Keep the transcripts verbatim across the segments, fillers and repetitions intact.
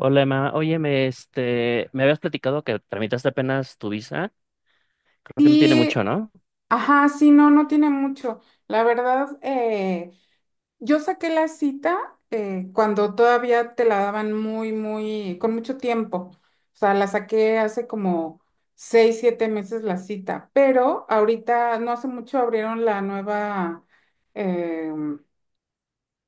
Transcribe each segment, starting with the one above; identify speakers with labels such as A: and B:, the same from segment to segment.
A: Hola, mamá. Oye, me, este, me habías platicado que tramitaste apenas tu visa. Creo que no tiene mucho,
B: Sí,
A: ¿no?
B: ajá, sí, no, no tiene mucho. La verdad, eh, yo saqué la cita eh, cuando todavía te la daban muy, muy, con mucho tiempo. O sea, la saqué hace como seis, siete meses la cita, pero ahorita no hace mucho abrieron la nueva, em,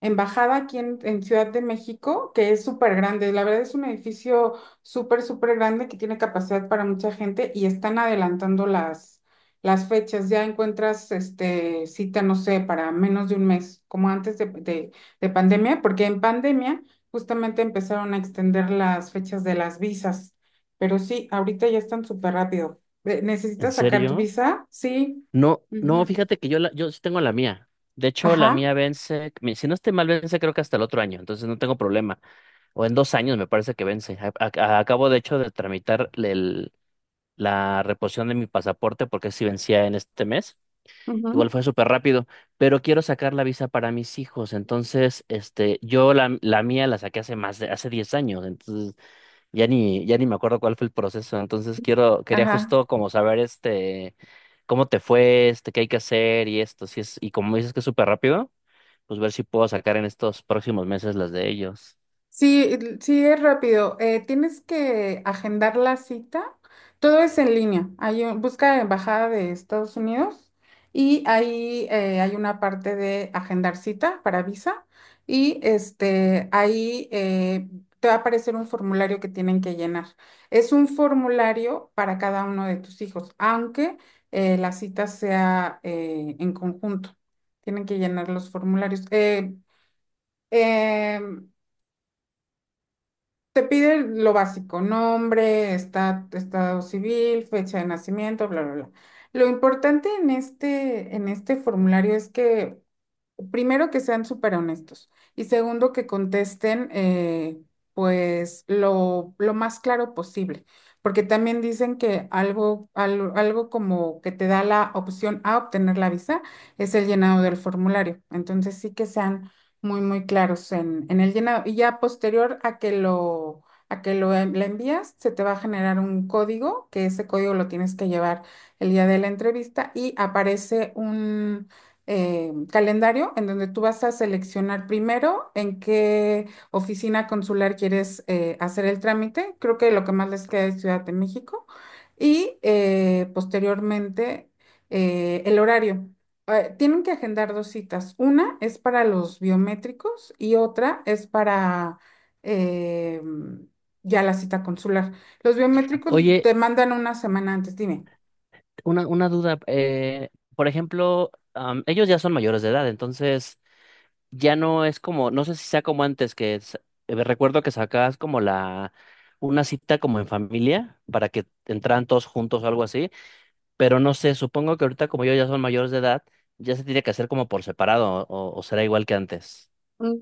B: embajada aquí en, en Ciudad de México, que es súper grande. La verdad es un edificio súper, súper grande que tiene capacidad para mucha gente y están adelantando las, las fechas. Ya encuentras este, cita, no sé, para menos de un mes, como antes de, de, de pandemia, porque en pandemia justamente empezaron a extender las fechas de las visas. Pero sí, ahorita ya están súper rápido. Eh,
A: ¿En
B: ¿Necesitas sacar tu
A: serio?
B: visa? Sí.
A: No, no,
B: Ujú.
A: fíjate que yo, la, yo sí tengo la mía. De hecho, la
B: Ajá.
A: mía vence, mi- si no estoy mal, vence creo que hasta el otro año, entonces no tengo problema. O en dos años me parece que vence. A- a- acabo, de hecho, de tramitar el- la reposición de mi pasaporte porque sí vencía en este mes. Igual
B: Ujú.
A: fue súper rápido, pero quiero sacar la visa para mis hijos. Entonces, este, yo la, la mía la saqué hace más de, hace diez años. Entonces, Ya ni, ya ni me acuerdo cuál fue el proceso, entonces quiero, quería
B: Ajá.
A: justo como saber este, cómo te fue, este, qué hay que hacer y esto, si es, y como dices que es súper rápido, pues ver si puedo sacar en estos próximos meses las de ellos.
B: Sí, sí, es rápido. Eh, tienes que agendar la cita. Todo es en línea. Hay un- busca Embajada de Estados Unidos y ahí eh, hay una parte de agendar cita para visa y este, ahí, eh, te va a aparecer un formulario que tienen que llenar. Es un formulario para cada uno de tus hijos, aunque eh, la cita sea eh, en conjunto. Tienen que llenar los formularios. Eh, em, te pide lo básico: nombre, esta- estado civil, fecha de nacimiento, bla, bla, bla. Lo importante en este, en este formulario es que, primero, que sean súper honestos. Y segundo, que contesten, eh, pues, lo, lo más claro posible. Porque también dicen que algo, algo, algo como que te da la opción a obtener la visa es el llenado del formulario. Entonces sí, que sean muy, muy claros en, en el llenado. Y ya posterior a que lo, a que lo en- la envías, se te va a generar un código, que ese código lo tienes que llevar el día de la entrevista, y aparece un eh, calendario en donde tú vas a seleccionar primero en qué oficina consular quieres eh, hacer el trámite. Creo que lo que más les queda es Ciudad de México. Y eh, posteriormente eh, el horario. Eh, tienen que agendar dos citas. Una es para los biométricos y otra es para eh, ya la cita consular. Los biométricos
A: Oye,
B: te mandan una semana antes. Dime.
A: una, una duda, eh, por ejemplo, am, ellos ya son mayores de edad, entonces ya no es como, no sé si sea como antes, que s- eh, recuerdo que sacabas como la, una cita como en familia para que entraran todos juntos o algo así. pero no sé, supongo que ahorita como yo ya son mayores de edad, ya se tiene que hacer como por separado o, o será igual que antes.
B: Mm,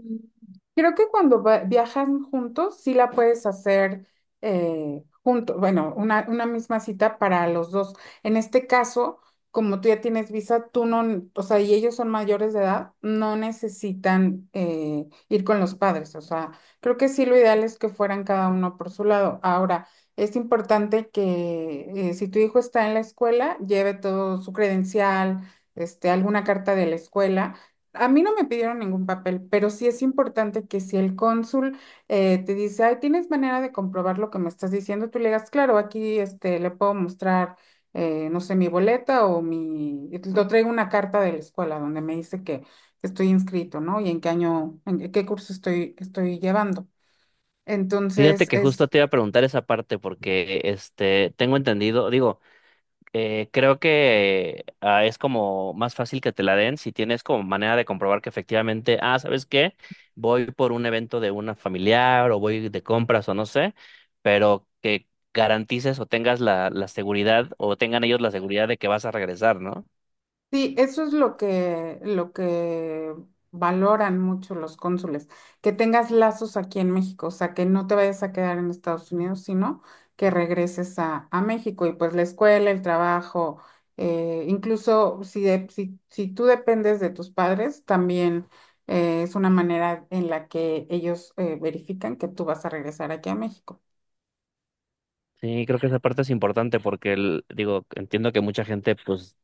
B: Creo que cuando va- viajan juntos, sí la puedes hacer eh, junto, bueno, una, una misma cita para los dos. En este caso, como tú ya tienes visa, tú no, o sea, y ellos son mayores de edad, no necesitan eh, ir con los padres. O sea, creo que sí, lo ideal es que fueran cada uno por su lado. Ahora, es importante que, eh, si tu hijo está en la escuela, lleve todo: su credencial, este, alguna carta de la escuela. A mí no me pidieron ningún papel, pero sí es importante que si el cónsul eh, te dice: "Ay, ¿tienes manera de comprobar lo que me estás diciendo?", tú le digas: "Claro, aquí este, le puedo mostrar, eh, no sé, mi boleta o mi... Lo traigo, una carta de la escuela donde me dice que, que estoy inscrito, ¿no? Y en qué año, en qué curso estoy, estoy llevando."
A: Fíjate
B: Entonces,
A: que justo
B: es...
A: te iba a preguntar esa parte porque este tengo entendido, digo, eh, creo que ah, es como más fácil que te la den si tienes como manera de comprobar que efectivamente, ah, ¿sabes qué? Voy por un evento de una familiar o voy de compras o no sé, pero que garantices o tengas la, la seguridad o tengan ellos la seguridad de que vas a regresar, ¿no?
B: Sí, eso es lo que, lo que valoran mucho los cónsules, que tengas lazos aquí en México, o sea, que no te vayas a quedar en Estados Unidos, sino que regreses a, a México, y pues la escuela, el trabajo, eh, incluso si, de- si, si tú dependes de tus padres, también eh, es una manera en la que ellos eh, verifican que tú vas a regresar aquí a México.
A: Sí, creo que esa parte es importante porque el- digo, entiendo que mucha gente pues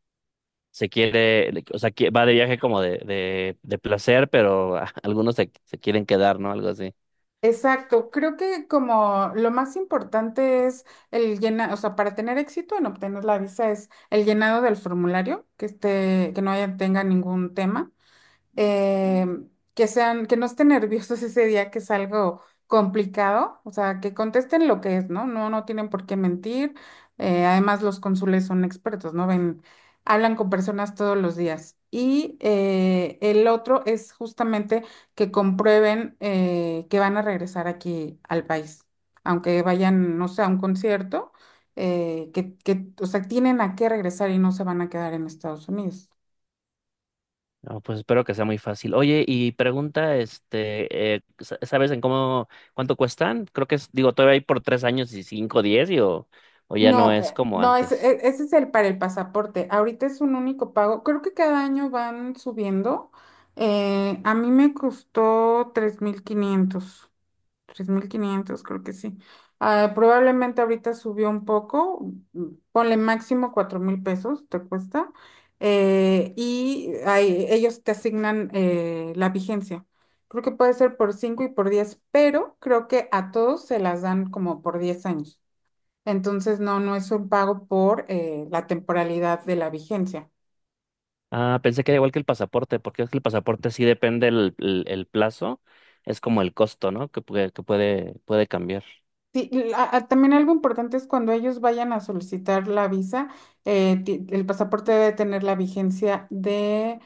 A: se quiere, o sea, qui- va de viaje como de, de, de placer, pero ah, algunos se, se quieren quedar, ¿no? Algo así.
B: Exacto. Creo que, como, lo más importante es el llenado, o sea, para tener éxito en obtener la visa es el llenado del formulario, que esté, que no haya, tenga ningún tema, eh, que sean, que no estén nerviosos ese día, que es algo complicado, o sea, que contesten lo que es, ¿no? No, no tienen por qué mentir. Eh, además, los cónsules son expertos, ¿no? Ven, hablan con personas todos los días. Y eh, el otro es justamente que comprueben eh, que van a regresar aquí al país, aunque vayan, no sé, a un concierto, eh, que, que, o sea, tienen a qué regresar y no se van a quedar en Estados Unidos.
A: No, pues espero que sea muy fácil. Oye, y pregunta, este, eh, sa- ¿sabes en cómo, cuánto cuestan? Creo que es, digo, todavía hay por tres años y cinco, diez, y o, o ya no
B: No,
A: es
B: eh,
A: como
B: no, ese,
A: antes.
B: e- ese es el para el pasaporte. Ahorita es un único pago. Creo que cada año van subiendo. Eh, a mí me costó tres tres mil quinientos, tres mil quinientos, creo que sí. Ah, probablemente ahorita subió un poco. mm, Ponle máximo cuatro mil pesos, te cuesta. eh, y ahí ellos te asignan eh, la vigencia. Creo que puede ser por cinco y por diez, pero creo que a todos se las dan como por diez años. Entonces no, no es un pago por eh, la temporalidad de la vigencia.
A: Ah, pensé que era igual que el pasaporte, porque es que el pasaporte sí depende el, el, el plazo, es como el costo, ¿no? Que, puede- que puede, puede cambiar.
B: Sí, la- ah, también algo importante es cuando ellos vayan a solicitar la visa, eh, ti- el pasaporte debe tener la vigencia de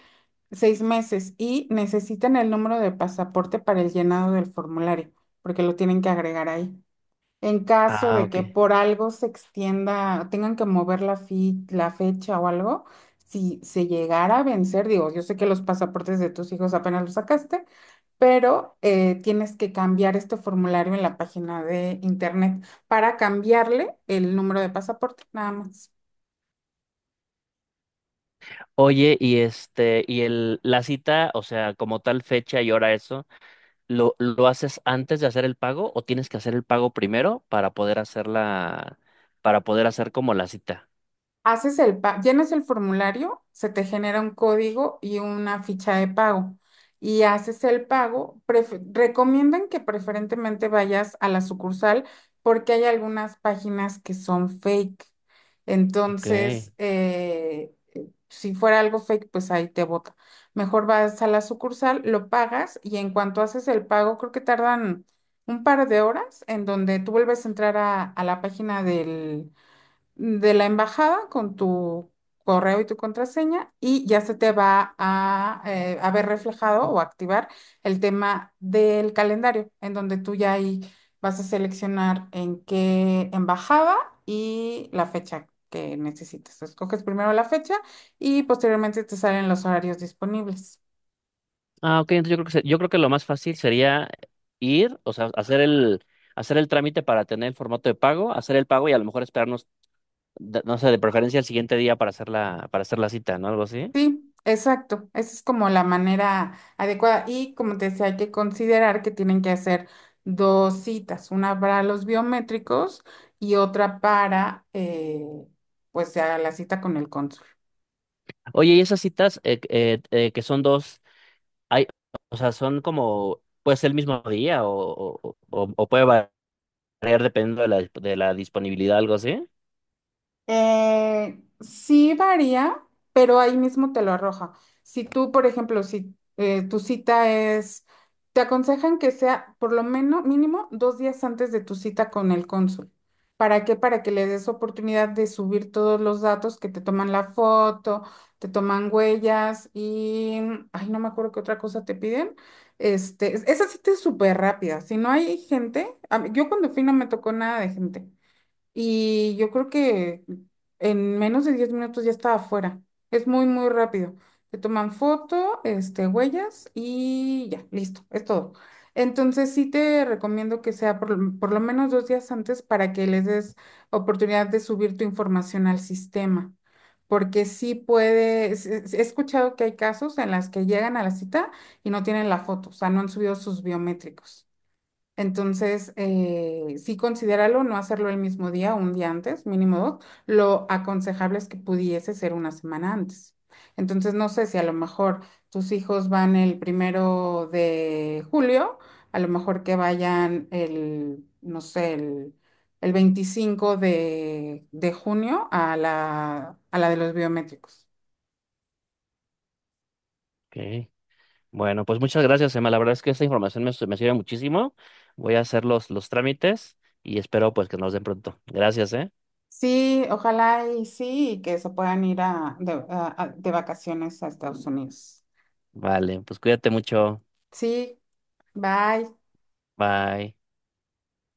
B: seis meses y necesitan el número de pasaporte para el llenado del formulario, porque lo tienen que agregar ahí. En caso
A: Ah,
B: de
A: ok.
B: que por algo se extienda, tengan que mover la, fi- la fecha o algo, si se llegara a vencer, digo, yo sé que los pasaportes de tus hijos apenas los sacaste, pero eh, tienes que cambiar este formulario en la página de internet para cambiarle el número de pasaporte, nada más.
A: Oye, y este, y el, la cita, o sea, como tal fecha y hora eso, ¿lo, lo haces antes de hacer el pago o tienes que hacer el pago primero para poder hacer la, para poder hacer como la cita?
B: Haces el pa- llenas el formulario, se te genera un código y una ficha de pago. Y haces el pago. Prefe- recomiendan que preferentemente vayas a la sucursal, porque hay algunas páginas que son fake.
A: Ok.
B: Entonces, eh, si fuera algo fake, pues ahí te bota. Mejor vas a la sucursal, lo pagas, y en cuanto haces el pago, creo que tardan un par de horas, en donde tú vuelves a entrar a, a la página de la embajada con tu correo y tu contraseña, y ya se te va a eh, haber reflejado o activar el tema del calendario, en donde tú ya ahí vas a seleccionar en qué embajada y la fecha que necesites. Escoges primero la fecha y posteriormente te salen los horarios disponibles.
A: Ah, ok, entonces yo creo que, se- yo creo que lo más fácil sería ir, o sea, hacer el, hacer el trámite para tener el formato de pago, hacer el pago y a lo mejor esperarnos, de- no sé, de preferencia el siguiente día para hacer la, para hacer la cita, ¿no? Algo así.
B: Sí, exacto. Esa es como la manera adecuada. Y como te decía, hay que considerar que tienen que hacer dos citas, una para los biométricos y otra para, eh, pues, ya la cita con el cónsul.
A: Oye, y esas citas eh, eh, eh, que son dos. Hay, o sea, son como, pues el mismo día o, o, o- o puede variar dependiendo de la, de la disponibilidad, algo así.
B: Eh, sí varía, pero ahí mismo te lo arroja. Si tú, por ejemplo, si eh, tu cita es, te aconsejan que sea por lo menos, mínimo, dos días antes de tu cita con el cónsul. ¿Para qué? Para que le des oportunidad de subir todos los datos, que te toman la foto, te toman huellas y, ay, no me acuerdo qué otra cosa te piden. Este, esa cita es súper rápida. Si no hay gente, a mí- yo cuando fui no me tocó nada de gente, y yo creo que en menos de diez minutos ya estaba afuera. Es muy, muy rápido. Te toman foto, este, huellas y ya, listo, es todo. Entonces sí te recomiendo que sea por, lo por lo menos dos días antes para que les des oportunidad de subir tu información al sistema, porque sí puedes, he escuchado que hay casos en las que llegan a la cita y no tienen la foto, o sea, no han subido sus biométricos. Entonces, eh, sí, considéralo: no hacerlo el mismo día, un día antes, mínimo dos. Lo aconsejable es que pudiese ser una semana antes. Entonces, no sé, si a lo mejor tus hijos van el primero de julio, a lo mejor que vayan el, no sé, el, el veinticinco de, de junio a la, a la de los biométricos.
A: Ok. Bueno, pues muchas gracias, Emma. La verdad es que esta información me, me sirve muchísimo. Voy a hacer los, los trámites y espero pues que nos den pronto. Gracias, ¿eh?
B: Sí, ojalá y sí, y que se puedan ir a- de a- a- de vacaciones a Estados Unidos.
A: Vale, pues cuídate mucho.
B: Sí. Bye.
A: Bye.